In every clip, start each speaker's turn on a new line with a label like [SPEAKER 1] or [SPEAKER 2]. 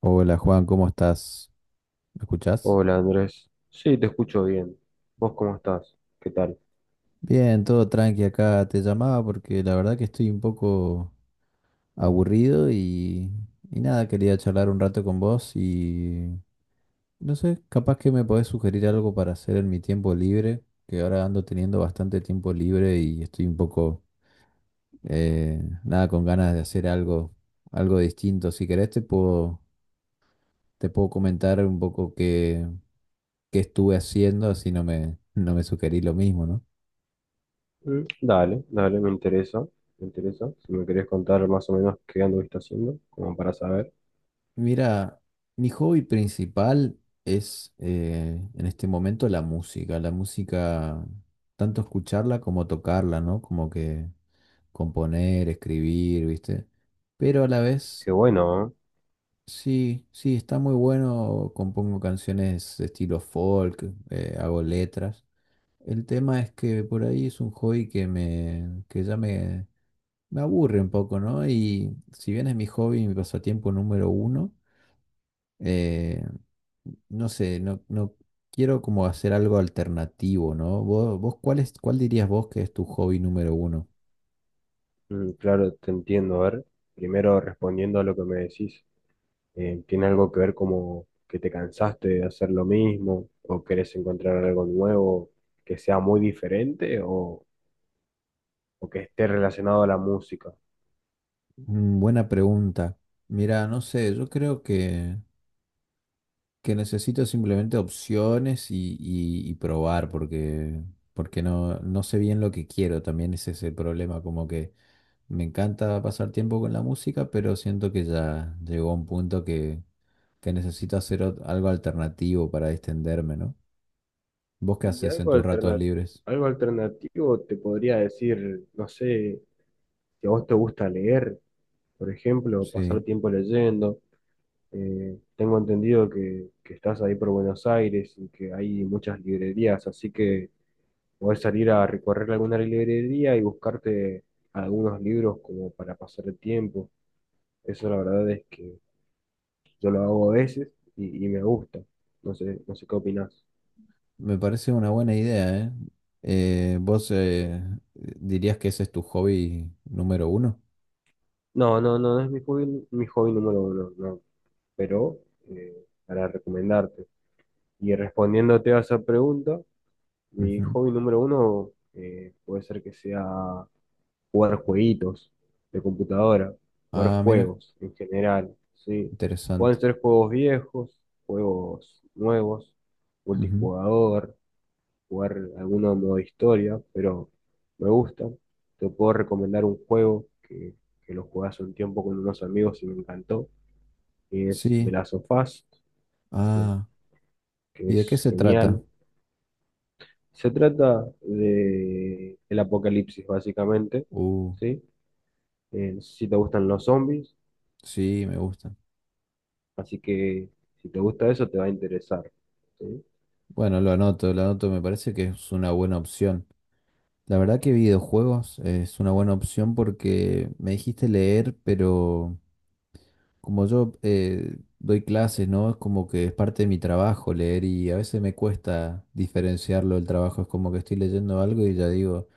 [SPEAKER 1] Hola Juan, ¿cómo estás? ¿Me escuchás?
[SPEAKER 2] Hola Andrés, sí, te escucho bien. ¿Vos cómo estás? ¿Qué tal?
[SPEAKER 1] Bien, todo tranqui acá. Te llamaba porque la verdad que estoy un poco aburrido y nada, quería charlar un rato con vos y no sé, capaz que me podés sugerir algo para hacer en mi tiempo libre, que ahora ando teniendo bastante tiempo libre y estoy un poco, nada, con ganas de hacer algo, algo distinto. Si querés te puedo comentar un poco qué estuve haciendo, así no me sugerís lo mismo, ¿no?
[SPEAKER 2] Mm. Dale, dale, me interesa, me interesa. Si me querés contar más o menos qué anduviste haciendo, como para saber.
[SPEAKER 1] Mira, mi hobby principal es en este momento la música. La música, tanto escucharla como tocarla, ¿no? Como que componer, escribir, ¿viste? Pero a la vez,
[SPEAKER 2] Qué bueno, ¿eh?
[SPEAKER 1] sí, sí, está muy bueno. Compongo canciones de estilo folk, hago letras. El tema es que por ahí es un hobby que ya me aburre un poco, ¿no? Y si bien es mi hobby, mi pasatiempo número uno eh, no sé, no quiero como hacer algo alternativo, ¿no? ¿Vos cuál es, cuál dirías vos que es tu hobby número uno?
[SPEAKER 2] Mm. Claro, te entiendo. A ver, primero respondiendo a lo que me decís, ¿tiene algo que ver como que te cansaste de hacer lo mismo o querés encontrar algo nuevo que sea muy diferente o que esté relacionado a la música?
[SPEAKER 1] Buena pregunta. Mira, no sé, yo creo que necesito simplemente opciones y probar porque, porque no sé bien lo que quiero, también es ese problema, como que me encanta pasar tiempo con la música, pero siento que ya llegó a un punto que necesito hacer algo alternativo para distenderme, ¿no? ¿Vos qué
[SPEAKER 2] Y
[SPEAKER 1] haces en tus ratos libres?
[SPEAKER 2] algo alternativo te podría decir, no sé, si a vos te gusta leer, por ejemplo, pasar
[SPEAKER 1] Sí,
[SPEAKER 2] tiempo leyendo. Tengo entendido que estás ahí por Buenos Aires y que hay muchas librerías, así que podés salir a recorrer alguna librería y buscarte algunos libros como para pasar el tiempo. Eso la verdad es que yo lo hago a veces y me gusta. No sé, no sé qué opinás.
[SPEAKER 1] me parece una buena idea, ¿eh? ¿Vos dirías que ese es tu hobby número uno?
[SPEAKER 2] No, no, no, no es mi hobby número uno. No. Pero para recomendarte. Y respondiéndote a esa pregunta, mi
[SPEAKER 1] Ujú.
[SPEAKER 2] hobby número uno puede ser que sea jugar jueguitos de computadora, jugar
[SPEAKER 1] Ah, mira,
[SPEAKER 2] juegos en general, ¿sí? Pueden
[SPEAKER 1] interesante.
[SPEAKER 2] ser juegos viejos, juegos nuevos,
[SPEAKER 1] Ujú.
[SPEAKER 2] multijugador, jugar alguno modo historia, pero me gusta. Te puedo recomendar un juego que lo jugué hace un tiempo con unos amigos y me encantó, que es The
[SPEAKER 1] Sí,
[SPEAKER 2] Last of Us,
[SPEAKER 1] ah,
[SPEAKER 2] que
[SPEAKER 1] ¿y de qué
[SPEAKER 2] es
[SPEAKER 1] se trata?
[SPEAKER 2] genial. Se trata de el apocalipsis, básicamente,
[SPEAKER 1] Uh,
[SPEAKER 2] ¿sí? No sé si te gustan los zombies,
[SPEAKER 1] sí, me gusta.
[SPEAKER 2] así que si te gusta eso te va a interesar, ¿sí?
[SPEAKER 1] Bueno, lo anoto, me parece que es una buena opción. La verdad que videojuegos es una buena opción porque me dijiste leer, pero... Como yo doy clases, ¿no? Es como que es parte de mi trabajo leer y a veces me cuesta diferenciarlo del trabajo. Es como que estoy leyendo algo y ya digo,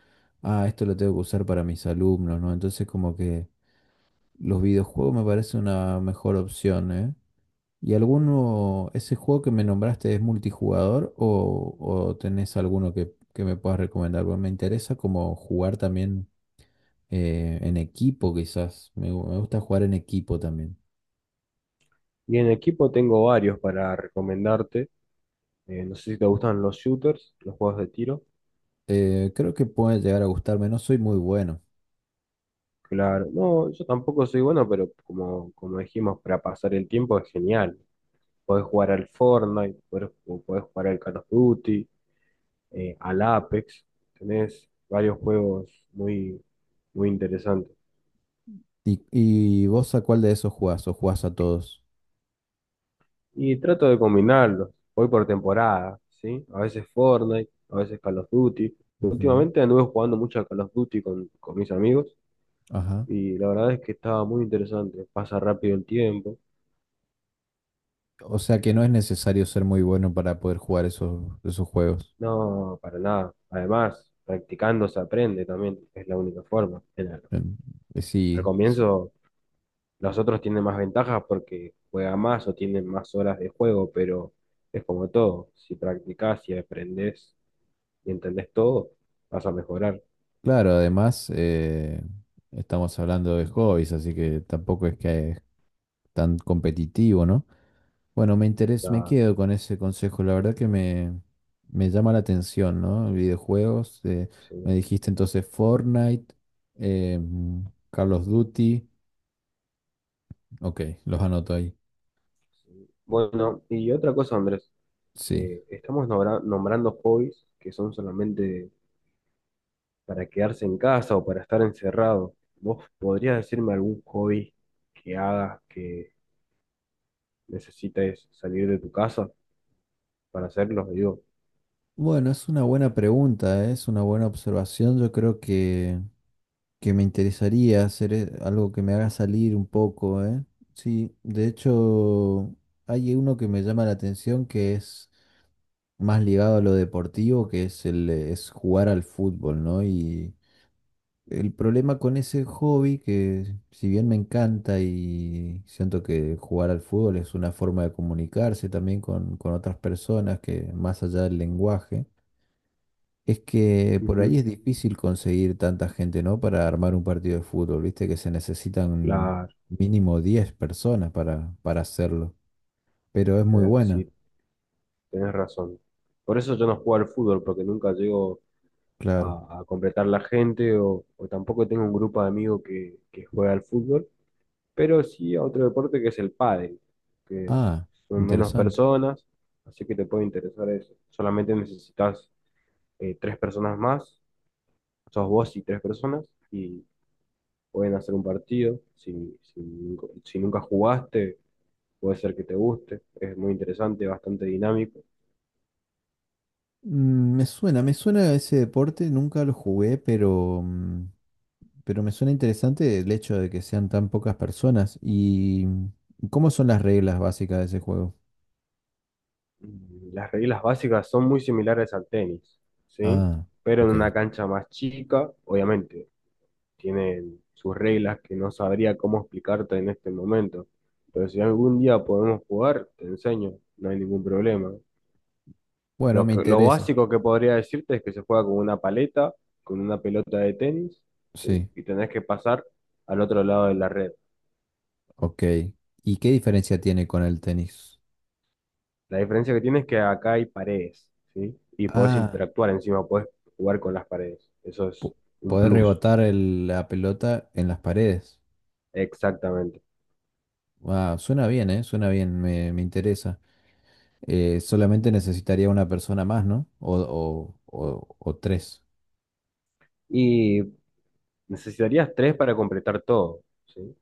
[SPEAKER 1] ah, esto lo tengo que usar para mis alumnos, ¿no? Entonces como que los videojuegos me parece una mejor opción, ¿eh? ¿Y alguno, ese juego que me nombraste es multijugador o tenés alguno que me puedas recomendar? Porque me interesa como jugar también en equipo, quizás. Me gusta jugar en equipo también.
[SPEAKER 2] Y en equipo tengo varios para recomendarte. No sé si te gustan los shooters, los juegos de tiro.
[SPEAKER 1] Creo que puede llegar a gustarme, no soy muy bueno.
[SPEAKER 2] Claro, no, yo tampoco soy bueno, pero como dijimos, para pasar el tiempo es genial. Podés jugar al Fortnite, podés jugar al Call of Duty, al Apex, tenés varios juegos muy, muy interesantes.
[SPEAKER 1] ¿Y vos a cuál de esos jugás? ¿O jugás a todos?
[SPEAKER 2] Y trato de combinarlos, voy por temporada, ¿sí? A veces Fortnite, a veces Call of Duty.
[SPEAKER 1] Ujú,
[SPEAKER 2] Últimamente anduve jugando mucho a Call of Duty con mis amigos
[SPEAKER 1] ajá.
[SPEAKER 2] y la verdad es que estaba muy interesante, pasa rápido el tiempo.
[SPEAKER 1] O sea que no es necesario ser muy bueno para poder jugar esos, esos juegos.
[SPEAKER 2] No, para nada. Además, practicando se aprende también, es la única forma.
[SPEAKER 1] Em,
[SPEAKER 2] Al
[SPEAKER 1] sí,
[SPEAKER 2] comienzo, los otros tienen más ventajas porque juegan más o tienen más horas de juego, pero es como todo. Si practicás, si aprendés y entendés todo, vas a mejorar.
[SPEAKER 1] claro, además estamos hablando de hobbies, así que tampoco es que es tan competitivo, ¿no? Bueno, me interesa, me
[SPEAKER 2] La-
[SPEAKER 1] quedo con ese consejo. La verdad que me llama la atención, ¿no? Videojuegos. Me
[SPEAKER 2] sí,
[SPEAKER 1] dijiste entonces Fortnite, eh, Call of Duty. Ok, los anoto ahí.
[SPEAKER 2] sí. Bueno, y otra cosa, Andrés,
[SPEAKER 1] Sí.
[SPEAKER 2] estamos nombrando hobbies que son solamente para quedarse en casa o para estar encerrado. ¿Vos podrías decirme algún hobby que hagas que necesites salir de tu casa para hacerlo? Digo.
[SPEAKER 1] Bueno, es una buena pregunta, ¿eh? Es una buena observación. Yo creo que me interesaría hacer algo que me haga salir un poco, ¿eh? Sí, de hecho, hay uno que me llama la atención que es más ligado a lo deportivo, que es el es jugar al fútbol, ¿no? Y el problema con ese hobby, que si bien me encanta y siento que jugar al fútbol es una forma de comunicarse también con otras personas que más allá del lenguaje, es que por ahí
[SPEAKER 2] Ujú.
[SPEAKER 1] es difícil conseguir tanta gente, ¿no? Para armar un partido de fútbol, viste que se necesitan
[SPEAKER 2] Claro.
[SPEAKER 1] mínimo 10 personas para hacerlo, pero es muy buena,
[SPEAKER 2] Si. Tenés razón. Por eso yo no juego al fútbol, porque nunca llego
[SPEAKER 1] claro.
[SPEAKER 2] a completar la gente o tampoco tengo un grupo de amigos que juega al fútbol, pero sí a otro deporte que es el pádel, que
[SPEAKER 1] Ah,
[SPEAKER 2] son menos
[SPEAKER 1] interesante.
[SPEAKER 2] personas, así que te puede interesar eso. Solamente necesitas tres personas más, sos vos y tres personas, y pueden hacer un partido. Si nunca jugaste, puede ser que te guste, es muy interesante, bastante dinámico.
[SPEAKER 1] Mm, me suena, me suena ese deporte, nunca lo jugué, pero, mm, pero me suena interesante el hecho de que sean tan pocas personas. ¿Y mm, cómo son las reglas básicas de ese juego?
[SPEAKER 2] Las reglas básicas son muy similares al tenis, ¿sí?
[SPEAKER 1] Ah,
[SPEAKER 2] Pero en
[SPEAKER 1] ok.
[SPEAKER 2] una cancha más chica, obviamente, tienen sus reglas que no sabría cómo explicarte en este momento. Pero si algún día podemos jugar, te enseño, no hay ningún problema.
[SPEAKER 1] Bueno, me
[SPEAKER 2] Lo
[SPEAKER 1] interesa.
[SPEAKER 2] básico que podría decirte es que se juega con una paleta, con una pelota de tenis, ¿sí?
[SPEAKER 1] Sí,
[SPEAKER 2] Y tenés que pasar al otro lado de la red.
[SPEAKER 1] ok. ¿Y qué diferencia tiene con el tenis?
[SPEAKER 2] La diferencia que tiene es que acá hay paredes, ¿sí? Y podés
[SPEAKER 1] Ah,
[SPEAKER 2] interactuar encima, podés jugar con las paredes. Eso es
[SPEAKER 1] po-
[SPEAKER 2] un
[SPEAKER 1] poder
[SPEAKER 2] plus,
[SPEAKER 1] rebotar la pelota en las paredes.
[SPEAKER 2] exactamente.
[SPEAKER 1] Ah, suena bien, ¿eh? Suena bien, me interesa. Solamente necesitaría una persona más, ¿no? O tres.
[SPEAKER 2] Y necesitarías tres para completar todo, ¿sí?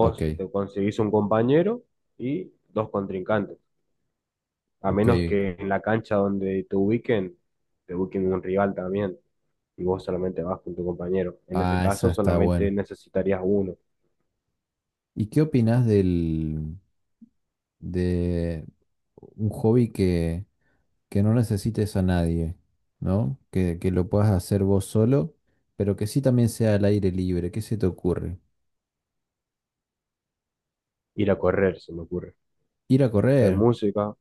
[SPEAKER 1] Ok,
[SPEAKER 2] te conseguís un compañero y dos contrincantes, a
[SPEAKER 1] ok.
[SPEAKER 2] menos que en la cancha donde te ubiquen un rival también, y vos solamente vas con tu compañero. En ese
[SPEAKER 1] Ah, esa
[SPEAKER 2] caso,
[SPEAKER 1] está
[SPEAKER 2] solamente
[SPEAKER 1] buena.
[SPEAKER 2] necesitarías uno.
[SPEAKER 1] ¿Y qué opinas de un hobby que no necesites a nadie, ¿no? Que lo puedas hacer vos solo, pero que sí también sea al aire libre. ¿Qué se te ocurre?
[SPEAKER 2] Ir a correr, se me ocurre.
[SPEAKER 1] Ir a
[SPEAKER 2] Escuchar
[SPEAKER 1] correr,
[SPEAKER 2] música,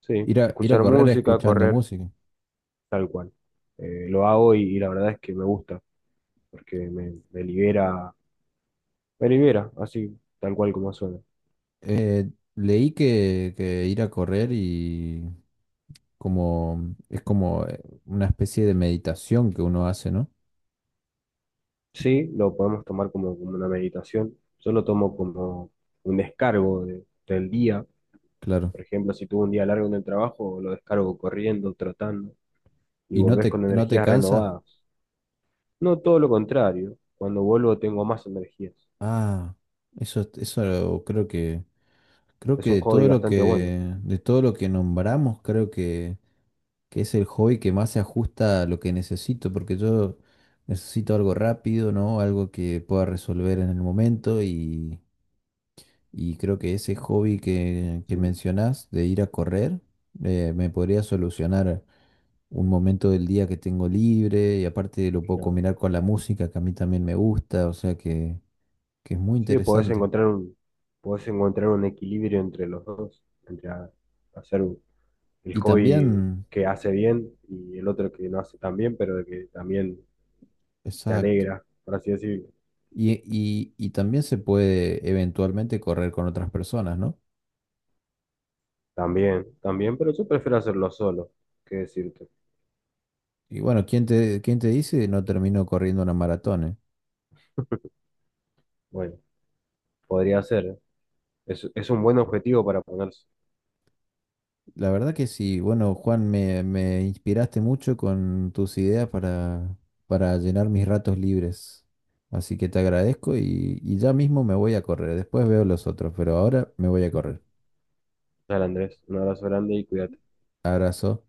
[SPEAKER 2] sí,
[SPEAKER 1] ir a
[SPEAKER 2] escuchar
[SPEAKER 1] correr
[SPEAKER 2] música,
[SPEAKER 1] escuchando
[SPEAKER 2] correr.
[SPEAKER 1] música.
[SPEAKER 2] Tal cual. Lo hago y la verdad es que me gusta, porque me libera, me libera, así, tal cual como suena.
[SPEAKER 1] Eh, leí que ir a correr y como es como una especie de meditación que uno hace, ¿no?
[SPEAKER 2] Sí, lo podemos tomar como una meditación. Yo lo tomo como un descargo del día.
[SPEAKER 1] Claro.
[SPEAKER 2] Por ejemplo, si tuve un día largo en el trabajo, lo descargo corriendo, trotando, y
[SPEAKER 1] ¿Y
[SPEAKER 2] volvés con
[SPEAKER 1] no te
[SPEAKER 2] energías
[SPEAKER 1] cansas?
[SPEAKER 2] renovadas. No, todo lo contrario. Cuando vuelvo tengo más energías.
[SPEAKER 1] Ah, eso, creo
[SPEAKER 2] Es
[SPEAKER 1] que
[SPEAKER 2] un
[SPEAKER 1] de
[SPEAKER 2] hobby
[SPEAKER 1] todo lo
[SPEAKER 2] bastante bueno.
[SPEAKER 1] que, de todo lo que nombramos, creo que es el hobby que más se ajusta a lo que necesito, porque yo necesito algo rápido, ¿no? Algo que pueda resolver en el momento y creo que ese hobby que
[SPEAKER 2] Sí,
[SPEAKER 1] mencionás de ir a correr, me podría solucionar un momento del día que tengo libre y aparte lo puedo
[SPEAKER 2] claro.
[SPEAKER 1] combinar con la música que a mí también me gusta, o sea que es muy
[SPEAKER 2] Sí, podés
[SPEAKER 1] interesante.
[SPEAKER 2] encontrar un equilibrio entre los dos, entre hacer un- el
[SPEAKER 1] Y
[SPEAKER 2] hobby
[SPEAKER 1] también,
[SPEAKER 2] que hace bien y el otro que no hace tan bien, pero de que también te
[SPEAKER 1] exacto.
[SPEAKER 2] alegra, por así decirlo.
[SPEAKER 1] Y también se puede eventualmente correr con otras personas, ¿no?
[SPEAKER 2] También, también, pero yo prefiero hacerlo solo, que decirte.
[SPEAKER 1] Y bueno, quién te dice no termino corriendo una maratón? ¿eh?
[SPEAKER 2] Bueno, podría ser. Es un buen objetivo para ponerse.
[SPEAKER 1] La verdad que sí, bueno, Juan, me inspiraste mucho con tus ideas para llenar mis ratos libres. Así que te agradezco y ya mismo me voy a correr. Después veo los otros, pero ahora me voy a correr.
[SPEAKER 2] Dale, Andrés, un abrazo grande y cuídate.
[SPEAKER 1] Abrazo.